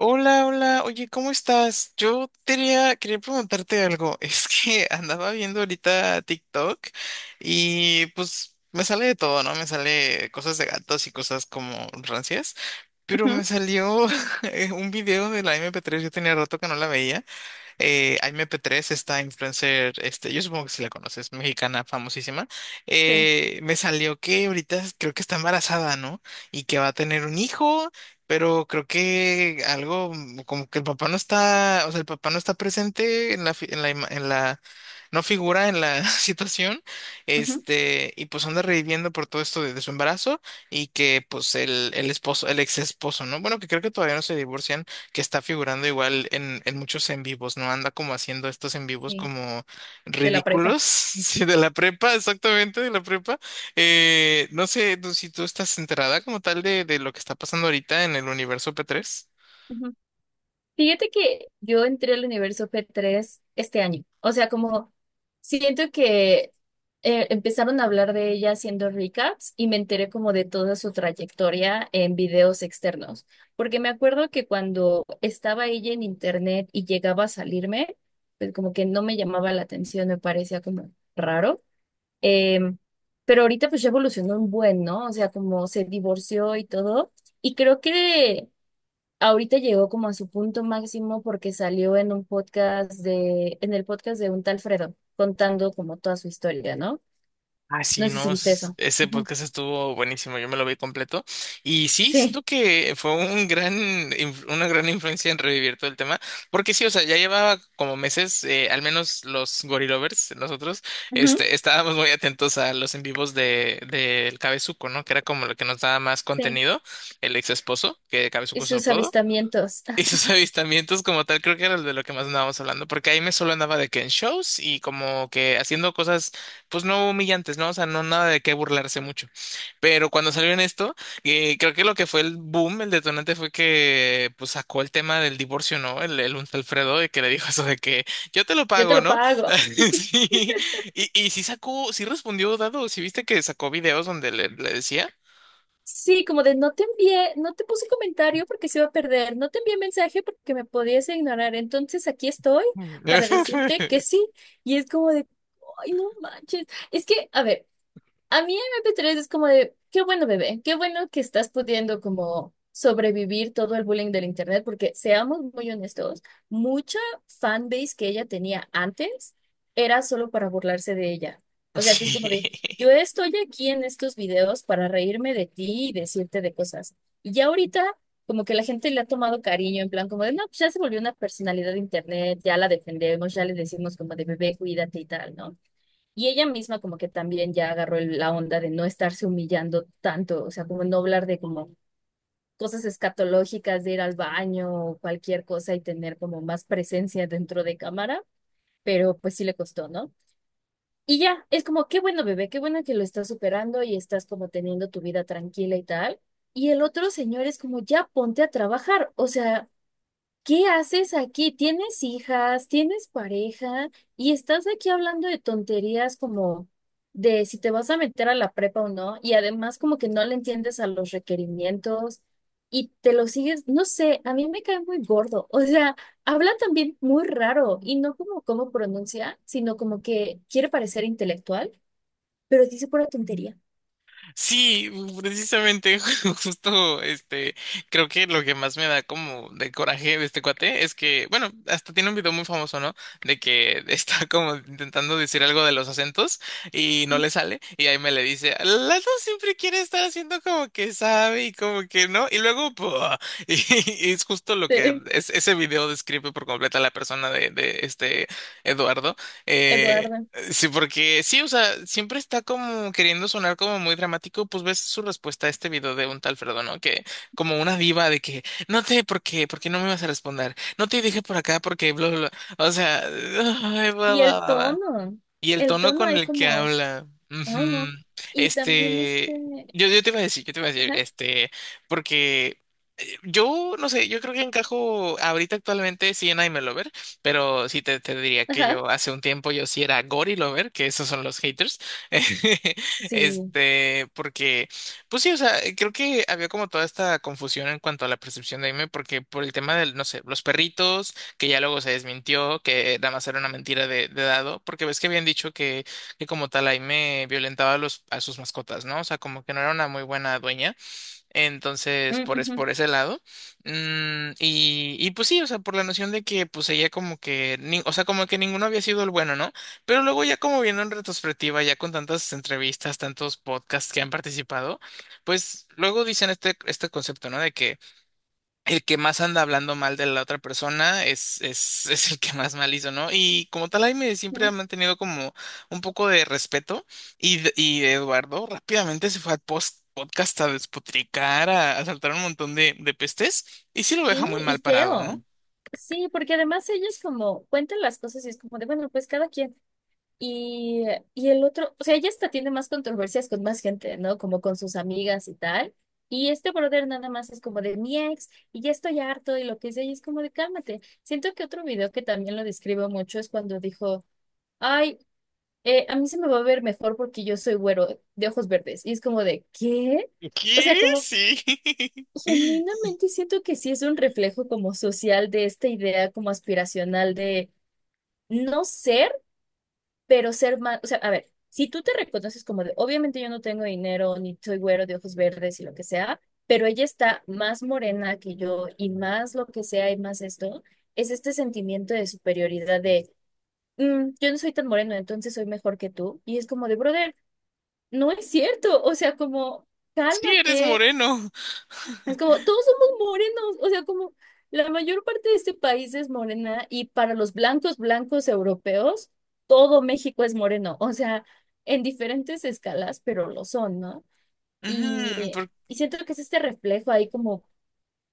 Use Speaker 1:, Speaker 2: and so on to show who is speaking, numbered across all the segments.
Speaker 1: Hola, hola, oye, ¿cómo estás? Yo quería preguntarte algo. Es que andaba viendo ahorita TikTok y pues me sale de todo, ¿no? Me sale cosas de gatos y cosas como rancias, pero me
Speaker 2: Ujú.
Speaker 1: salió un video de la mp Tres. Yo tenía rato que no la veía. Aime P3, esta influencer, este, yo supongo que si la conoces, mexicana famosísima.
Speaker 2: Sí.
Speaker 1: Me salió que ahorita creo que está embarazada, ¿no? Y que va a tener un hijo, pero creo que algo como que el papá no está. O sea, el papá no está presente en la, fi- en la, ima- en la no figura en la situación.
Speaker 2: Ujú.
Speaker 1: Este, y pues anda reviviendo por todo esto de su embarazo. Y que pues el esposo, el ex esposo, ¿no? Bueno, que creo que todavía no se divorcian, que está figurando igual en muchos en vivos, ¿no? Anda como haciendo estos en vivos
Speaker 2: Sí,
Speaker 1: como
Speaker 2: de la prepa.
Speaker 1: ridículos. Sí, de la prepa, exactamente, de la prepa. Si tú estás enterada como tal de lo que está pasando ahorita en el universo p tres.
Speaker 2: Ujú. Fíjate que yo entré al universo P3 este año. O sea, como siento que empezaron a hablar de ella haciendo recaps y me enteré como de toda su trayectoria en videos externos. Porque me acuerdo que cuando estaba ella en internet y llegaba a salirme, pues como que no me llamaba la atención, me parecía como raro. Em, pero ahorita pues ya evolucionó un buen, ¿no? O sea, como se divorció y todo. Y creo que ahorita llegó como a su punto máximo porque salió en un podcast de, en el podcast de un tal Fredo, contando como toda su historia, ¿no?
Speaker 1: Ah, sí,
Speaker 2: No sé si
Speaker 1: no,
Speaker 2: viste eso.
Speaker 1: ese
Speaker 2: Ujú.
Speaker 1: podcast estuvo buenísimo, yo me lo vi completo. Y sí, siento
Speaker 2: Sí,
Speaker 1: que fue una gran influencia en revivir todo el tema. Porque sí, o sea, ya llevaba como meses. Al menos los Gorilovers, nosotros,
Speaker 2: ujú,
Speaker 1: este, estábamos muy atentos a los en vivos del Cabezuco, ¿no? Que era como lo que nos daba más
Speaker 2: sí.
Speaker 1: contenido, el ex esposo, que Cabezuco
Speaker 2: Y
Speaker 1: es su
Speaker 2: sus
Speaker 1: apodo.
Speaker 2: avistamientos.
Speaker 1: Y sus avistamientos como tal creo que era de lo que más andábamos hablando, porque ahí me solo andaba de que en shows y como que haciendo cosas pues no humillantes, ¿no? O sea, no nada de qué burlarse mucho. Pero cuando salió en esto, creo que lo que fue el boom, el detonante fue que pues sacó el tema del divorcio, ¿no? El un Alfredo y que le dijo eso de que yo te lo
Speaker 2: Yo te
Speaker 1: pago,
Speaker 2: lo
Speaker 1: ¿no?
Speaker 2: pago.
Speaker 1: Sí. Y sí respondió Dado, sí viste que sacó videos donde le decía.
Speaker 2: Sí, como de no te envié, no te puse comentario porque se iba a perder, no te envié mensaje porque me podías ignorar, entonces aquí estoy para decirte que sí, y es como de, ay, no manches, es que, a ver, a mí MP3 es como de, qué bueno bebé, qué bueno que estás pudiendo como sobrevivir todo el bullying del internet, porque seamos muy honestos, mucha fanbase que ella tenía antes era solo para burlarse de ella. O sea que es como
Speaker 1: Sí.
Speaker 2: de, yo estoy aquí en estos videos para reírme de ti y decirte de cosas. Y ya ahorita como que la gente le ha tomado cariño, en plan como de, no, pues ya se volvió una personalidad de internet, ya la defendemos, ya le decimos como de bebé, cuídate y tal, ¿no? Y ella misma como que también ya agarró la onda de no estarse humillando tanto, o sea, como no hablar de como cosas escatológicas, de ir al baño o cualquier cosa y tener como más presencia dentro de cámara, pero pues sí le costó, ¿no? Y ya, es como, qué bueno bebé, qué bueno que lo estás superando y estás como teniendo tu vida tranquila y tal. Y el otro señor es como, ya ponte a trabajar, o sea... ¿Qué haces aquí? ¿Tienes hijas? ¿Tienes pareja? Y estás aquí hablando de tonterías como de si te vas a meter a la prepa o no, y además como que no le entiendes a los requerimientos y te lo sigues, no sé, a mí me cae muy gordo, o sea, habla también muy raro y no como cómo pronuncia, sino como que quiere parecer intelectual, pero dice pura tontería.
Speaker 1: Sí, precisamente, justo, este, creo que lo que más me da como de coraje de este cuate es que, bueno, hasta tiene un video muy famoso, ¿no? De que está como intentando decir algo de los acentos y no le sale, y ahí me le dice, Lalo siempre quiere estar haciendo como que sabe y como que no, y luego, ¡pua! y, y es justo lo que
Speaker 2: Sí,
Speaker 1: es, ese video describe por completo a la persona de este Eduardo. eh,
Speaker 2: Eduardo.
Speaker 1: Sí, porque sí, o sea, siempre está como queriendo sonar como muy dramático, pues ves su respuesta a este video de un tal Fredo, ¿no? Que como una diva de que, no te, ¿por qué? ¿Por qué no me vas a responder? No te dije por acá porque, bla, bla, bla. O sea, ay, bla,
Speaker 2: Y
Speaker 1: bla, bla, bla. Y el
Speaker 2: el
Speaker 1: tono
Speaker 2: tono
Speaker 1: con
Speaker 2: hay
Speaker 1: el que
Speaker 2: como,
Speaker 1: habla.
Speaker 2: ay no.
Speaker 1: Ujú.
Speaker 2: Y también
Speaker 1: Este,
Speaker 2: este,
Speaker 1: yo te iba a decir, yo te iba a decir,
Speaker 2: ajá,
Speaker 1: este, porque yo no sé, yo creo que encajo ahorita actualmente sí en I'm a Lover, pero sí te diría que
Speaker 2: ajá,
Speaker 1: yo hace un tiempo yo sí era Gory Lover, que esos son los haters.
Speaker 2: sí.
Speaker 1: Este, porque, pues sí, o sea, creo que había como toda esta confusión en cuanto a la percepción de Aime, porque por el tema del, no sé, los perritos que ya luego se desmintió, que nada más era una mentira de dado. Porque ves que habían dicho que como tal Aime violentaba a sus mascotas, ¿no? O sea, como que no era una muy buena dueña, entonces
Speaker 2: Mm, ujú,
Speaker 1: por ese lado. Y pues sí, o sea, por la noción de que pues ella como que, o sea, como que ninguno había sido el bueno, ¿no? Pero luego ya como viendo en retrospectiva, ya con tantas entrevistas, tantos podcasts que han participado, pues luego dicen este concepto, ¿no? De que el que más anda hablando mal de la otra persona es el que más mal hizo, ¿no? Y como tal, Jaime siempre ha
Speaker 2: ujú.
Speaker 1: mantenido como un poco de respeto, y Eduardo rápidamente se fue al post podcast a despotricar, a saltar un montón de pestes, y sí lo deja
Speaker 2: Sí,
Speaker 1: muy
Speaker 2: y
Speaker 1: mal parado, ¿no?
Speaker 2: feo. Sí, porque además ellos como cuentan las cosas y es como de, bueno, pues cada quien. Y, y el otro, o sea, ella hasta tiene más controversias con más gente, ¿no? Como con sus amigas y tal. Y este brother nada más es como de mi ex y ya estoy harto y lo que sea, y es como de cálmate. Siento que otro video que también lo describo mucho es cuando dijo, ay, a mí se me va a ver mejor porque yo soy güero de ojos verdes. Y es como de, ¿qué? O sea,
Speaker 1: ¿Qué?
Speaker 2: como
Speaker 1: Sí.
Speaker 2: genuinamente siento que sí es un reflejo como social de esta idea como aspiracional de no ser, pero ser más, o sea, a ver, si tú te reconoces como de, obviamente yo no tengo dinero, ni soy güero de ojos verdes y lo que sea, pero ella está más morena que yo y más lo que sea y más esto, es este sentimiento de superioridad de, "Mm, yo no soy tan moreno, entonces soy mejor que tú." Y es como de, brother, no es cierto, o sea, como...
Speaker 1: Sí, eres
Speaker 2: Cálmate.
Speaker 1: moreno.
Speaker 2: Es como, todos somos morenos, o sea, como la mayor parte de este país es morena y para los blancos, blancos europeos, todo México es moreno, o sea, en diferentes escalas, pero lo son, ¿no? Y,
Speaker 1: Ujú.
Speaker 2: y siento que es este reflejo ahí como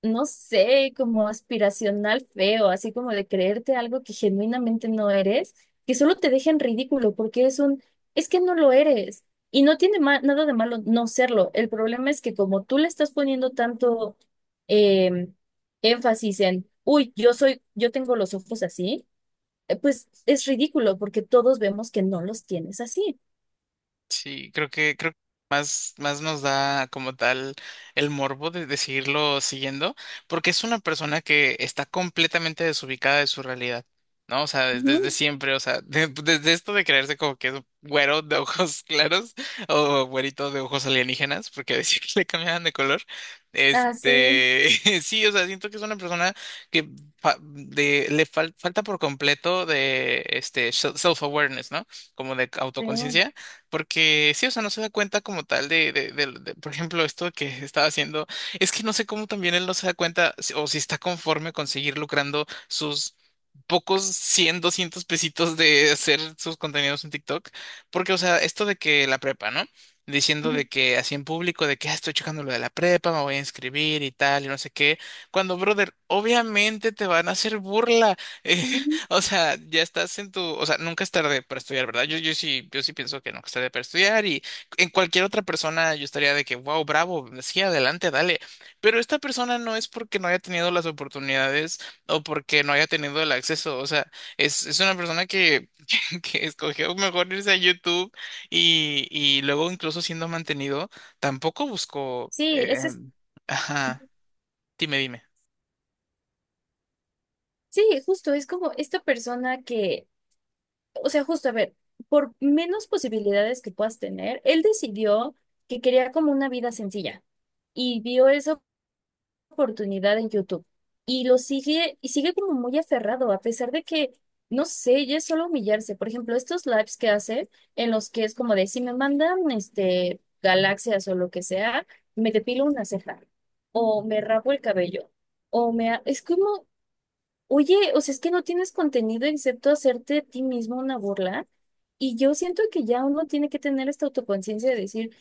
Speaker 2: no sé, como aspiracional feo, así como de creerte algo que genuinamente no eres, que solo te deja en ridículo porque es un, es que no lo eres. Y no tiene nada de malo no serlo. El problema es que como tú le estás poniendo tanto em, énfasis en, uy, yo soy, yo tengo los ojos así, pues es ridículo porque todos vemos que no los tienes así.
Speaker 1: Sí, creo que más nos da como tal el morbo de seguirlo siguiendo, porque es una persona que está completamente desubicada de su realidad, ¿no? O sea, desde
Speaker 2: Ujú.
Speaker 1: siempre. O sea, desde esto de creerse como que es güero de ojos claros o güerito de ojos alienígenas, porque decía que le cambiaban de color.
Speaker 2: Ah, sí,
Speaker 1: Este, sí, o sea, siento que es una persona que le falta por completo de este self-awareness, ¿no? Como de
Speaker 2: sí. Ujú,
Speaker 1: autoconciencia. Porque sí, o sea, no se da cuenta como tal de por ejemplo, esto que estaba haciendo. Es que no sé cómo también él no se da cuenta o si está conforme con seguir lucrando sus pocos 100, 200 pesitos de hacer sus contenidos en TikTok. Porque, o sea, esto de que la prepa, ¿no? Diciendo de que así en público, de que: "Ah, estoy checando lo de la prepa, me voy a inscribir y tal, y no sé qué". Cuando, brother, obviamente te van a hacer burla.
Speaker 2: ujú.
Speaker 1: O sea, ya estás en tu, o sea, nunca es tarde para estudiar, ¿verdad? Yo sí pienso que nunca es tarde para estudiar, y en cualquier otra persona yo estaría de que, wow, bravo, sí, adelante, dale. Pero esta persona no es porque no haya tenido las oportunidades o porque no haya tenido el acceso, o sea, es una persona que, que escogió mejor irse a YouTube, y luego incluso siendo mantenido, tampoco buscó.
Speaker 2: Sí, ese es,
Speaker 1: Ajá, dime, dime.
Speaker 2: sí, justo, es como esta persona que o sea, justo, a ver, por menos posibilidades que puedas tener, él decidió que quería como una vida sencilla y vio esa oportunidad en YouTube y lo sigue y sigue como muy aferrado a pesar de que, no sé, ya es solo humillarse. Por ejemplo, estos lives que hace en los que es como de, si me mandan este, galaxias o lo que sea, me depilo una ceja o me rapo el cabello o me... Es como oye, o sea, es que no tienes contenido excepto hacerte a ti mismo una burla. Y yo siento que ya uno tiene que tener esta autoconciencia de decir,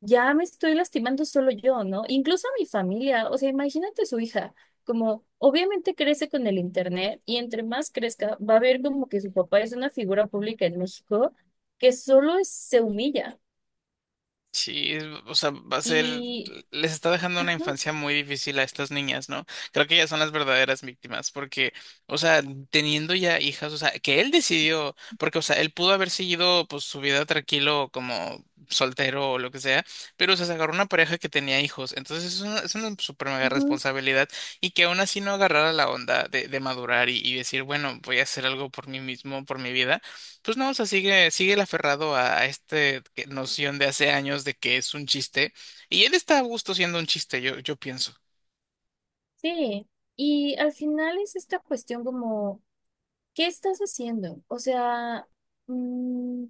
Speaker 2: ya me estoy lastimando solo yo, ¿no? Incluso a mi familia, o sea, imagínate su hija, como obviamente crece con el internet y entre más crezca, va a ver como que su papá es una figura pública en México que solo se humilla.
Speaker 1: Sí, o sea, va a ser,
Speaker 2: Y,
Speaker 1: les está dejando una infancia muy difícil a estas niñas, ¿no? Creo que ellas son las verdaderas víctimas, porque, o sea, teniendo ya hijas, o sea, que él decidió, porque, o sea, él pudo haber seguido, pues, su vida tranquilo como soltero o lo que sea, pero, o sea, se agarró una pareja que tenía hijos. Entonces es una super mega
Speaker 2: ujú,
Speaker 1: responsabilidad, y que aún así no agarrara la onda de madurar, y decir, bueno, voy a hacer algo por mí mismo, por mi vida. Pues no, o sea, sigue el aferrado a este noción de hace años de que es un chiste. Y él está a gusto siendo un chiste, yo pienso.
Speaker 2: sí, y al final es esta cuestión como... ¿Qué estás haciendo? O sea, mm,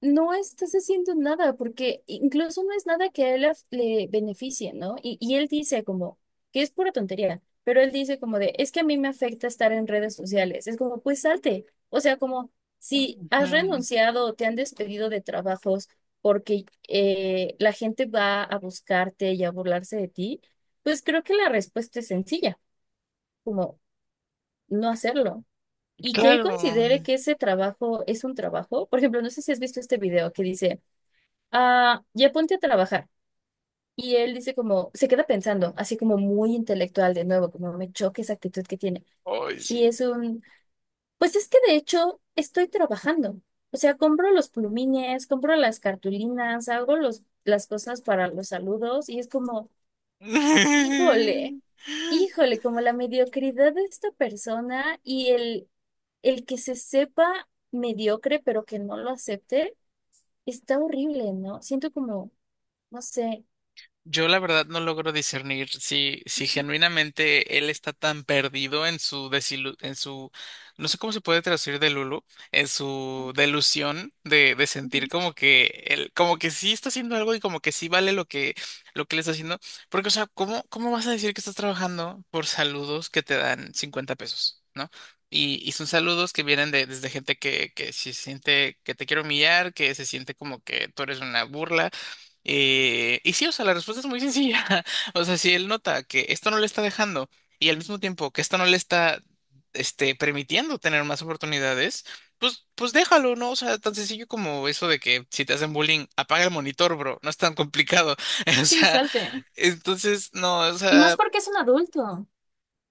Speaker 2: no estás haciendo nada porque incluso no es nada que a él le beneficie, ¿no? Y él dice como, que es pura tontería, pero él dice como de, es que a mí me afecta estar en redes sociales. Es como, pues salte. O sea, como si has
Speaker 1: Ujú.
Speaker 2: renunciado o te han despedido de trabajos porque la gente va a buscarte y a burlarse de ti, pues creo que la respuesta es sencilla, como no hacerlo. Y que él
Speaker 1: Claro.
Speaker 2: considere que ese trabajo es un trabajo. Por ejemplo, no sé si has visto este video que dice, ah, ya ponte a trabajar. Y él dice como, se queda pensando, así como muy intelectual de nuevo, como me choca esa actitud que tiene.
Speaker 1: Ay,
Speaker 2: Y
Speaker 1: sí.
Speaker 2: es un, pues es que de hecho estoy trabajando. O sea, compro los plumines, compro las cartulinas, hago los, las cosas para los saludos y es como... Híjole, híjole, como la mediocridad de esta persona y el que se sepa mediocre pero que no lo acepte, está horrible, ¿no? Siento como, no sé.
Speaker 1: Yo la verdad no logro discernir si genuinamente él está tan perdido en su no sé cómo se puede traducir de Lulu, en su delusión de sentir
Speaker 2: Ujú.
Speaker 1: como que él, como que sí está haciendo algo y como que sí vale lo que le está haciendo. Porque, o sea, ¿cómo vas a decir que estás trabajando por saludos que te dan 50 pesos? ¿No? Y son saludos que vienen desde gente que se siente que te quiere humillar, que se siente como que tú eres una burla. Y sí, o sea, la respuesta es muy sencilla. O sea, si él nota que esto no le está dejando, y al mismo tiempo que esto no le está, este, permitiendo tener más oportunidades, pues déjalo, ¿no? O sea, tan sencillo como eso de que si te hacen bullying, apaga el monitor, bro. No es tan complicado. O
Speaker 2: Sí,
Speaker 1: sea,
Speaker 2: salte.
Speaker 1: entonces, no, o
Speaker 2: Y
Speaker 1: sea,
Speaker 2: más porque es un adulto.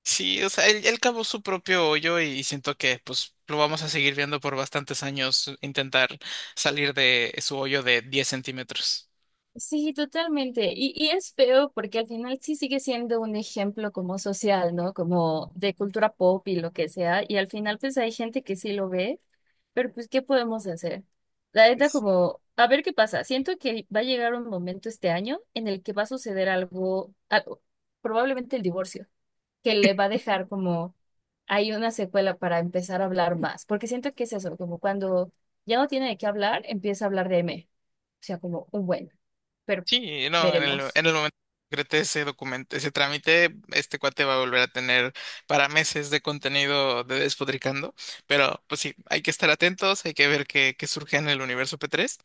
Speaker 1: sí, o sea, él cavó su propio hoyo, y siento que, pues, lo vamos a seguir viendo por bastantes años intentar salir de su hoyo de 10 centímetros.
Speaker 2: Sí, totalmente. Y es feo porque al final sí sigue siendo un ejemplo como social, ¿no? Como de cultura pop y lo que sea. Y al final pues hay gente que sí lo ve. Pero pues, ¿qué podemos hacer? La neta, como, a ver qué pasa. Siento que va a llegar un momento este año en el que va a suceder algo, algo, probablemente el divorcio, que le va a dejar como hay una secuela para empezar a hablar más. Porque siento que es eso, como cuando ya no tiene de qué hablar, empieza a hablar de M. O sea, como un bueno. Pero pues,
Speaker 1: Sí, no,
Speaker 2: veremos.
Speaker 1: en el momento que concrete ese documento, ese trámite, este cuate va a volver a tener para meses de contenido de Despotricando. Pero pues sí, hay que estar atentos, hay que ver qué surge en el universo P3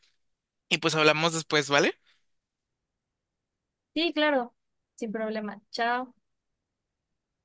Speaker 1: y pues hablamos después, ¿vale?
Speaker 2: Sí, claro, sin problema. Chao.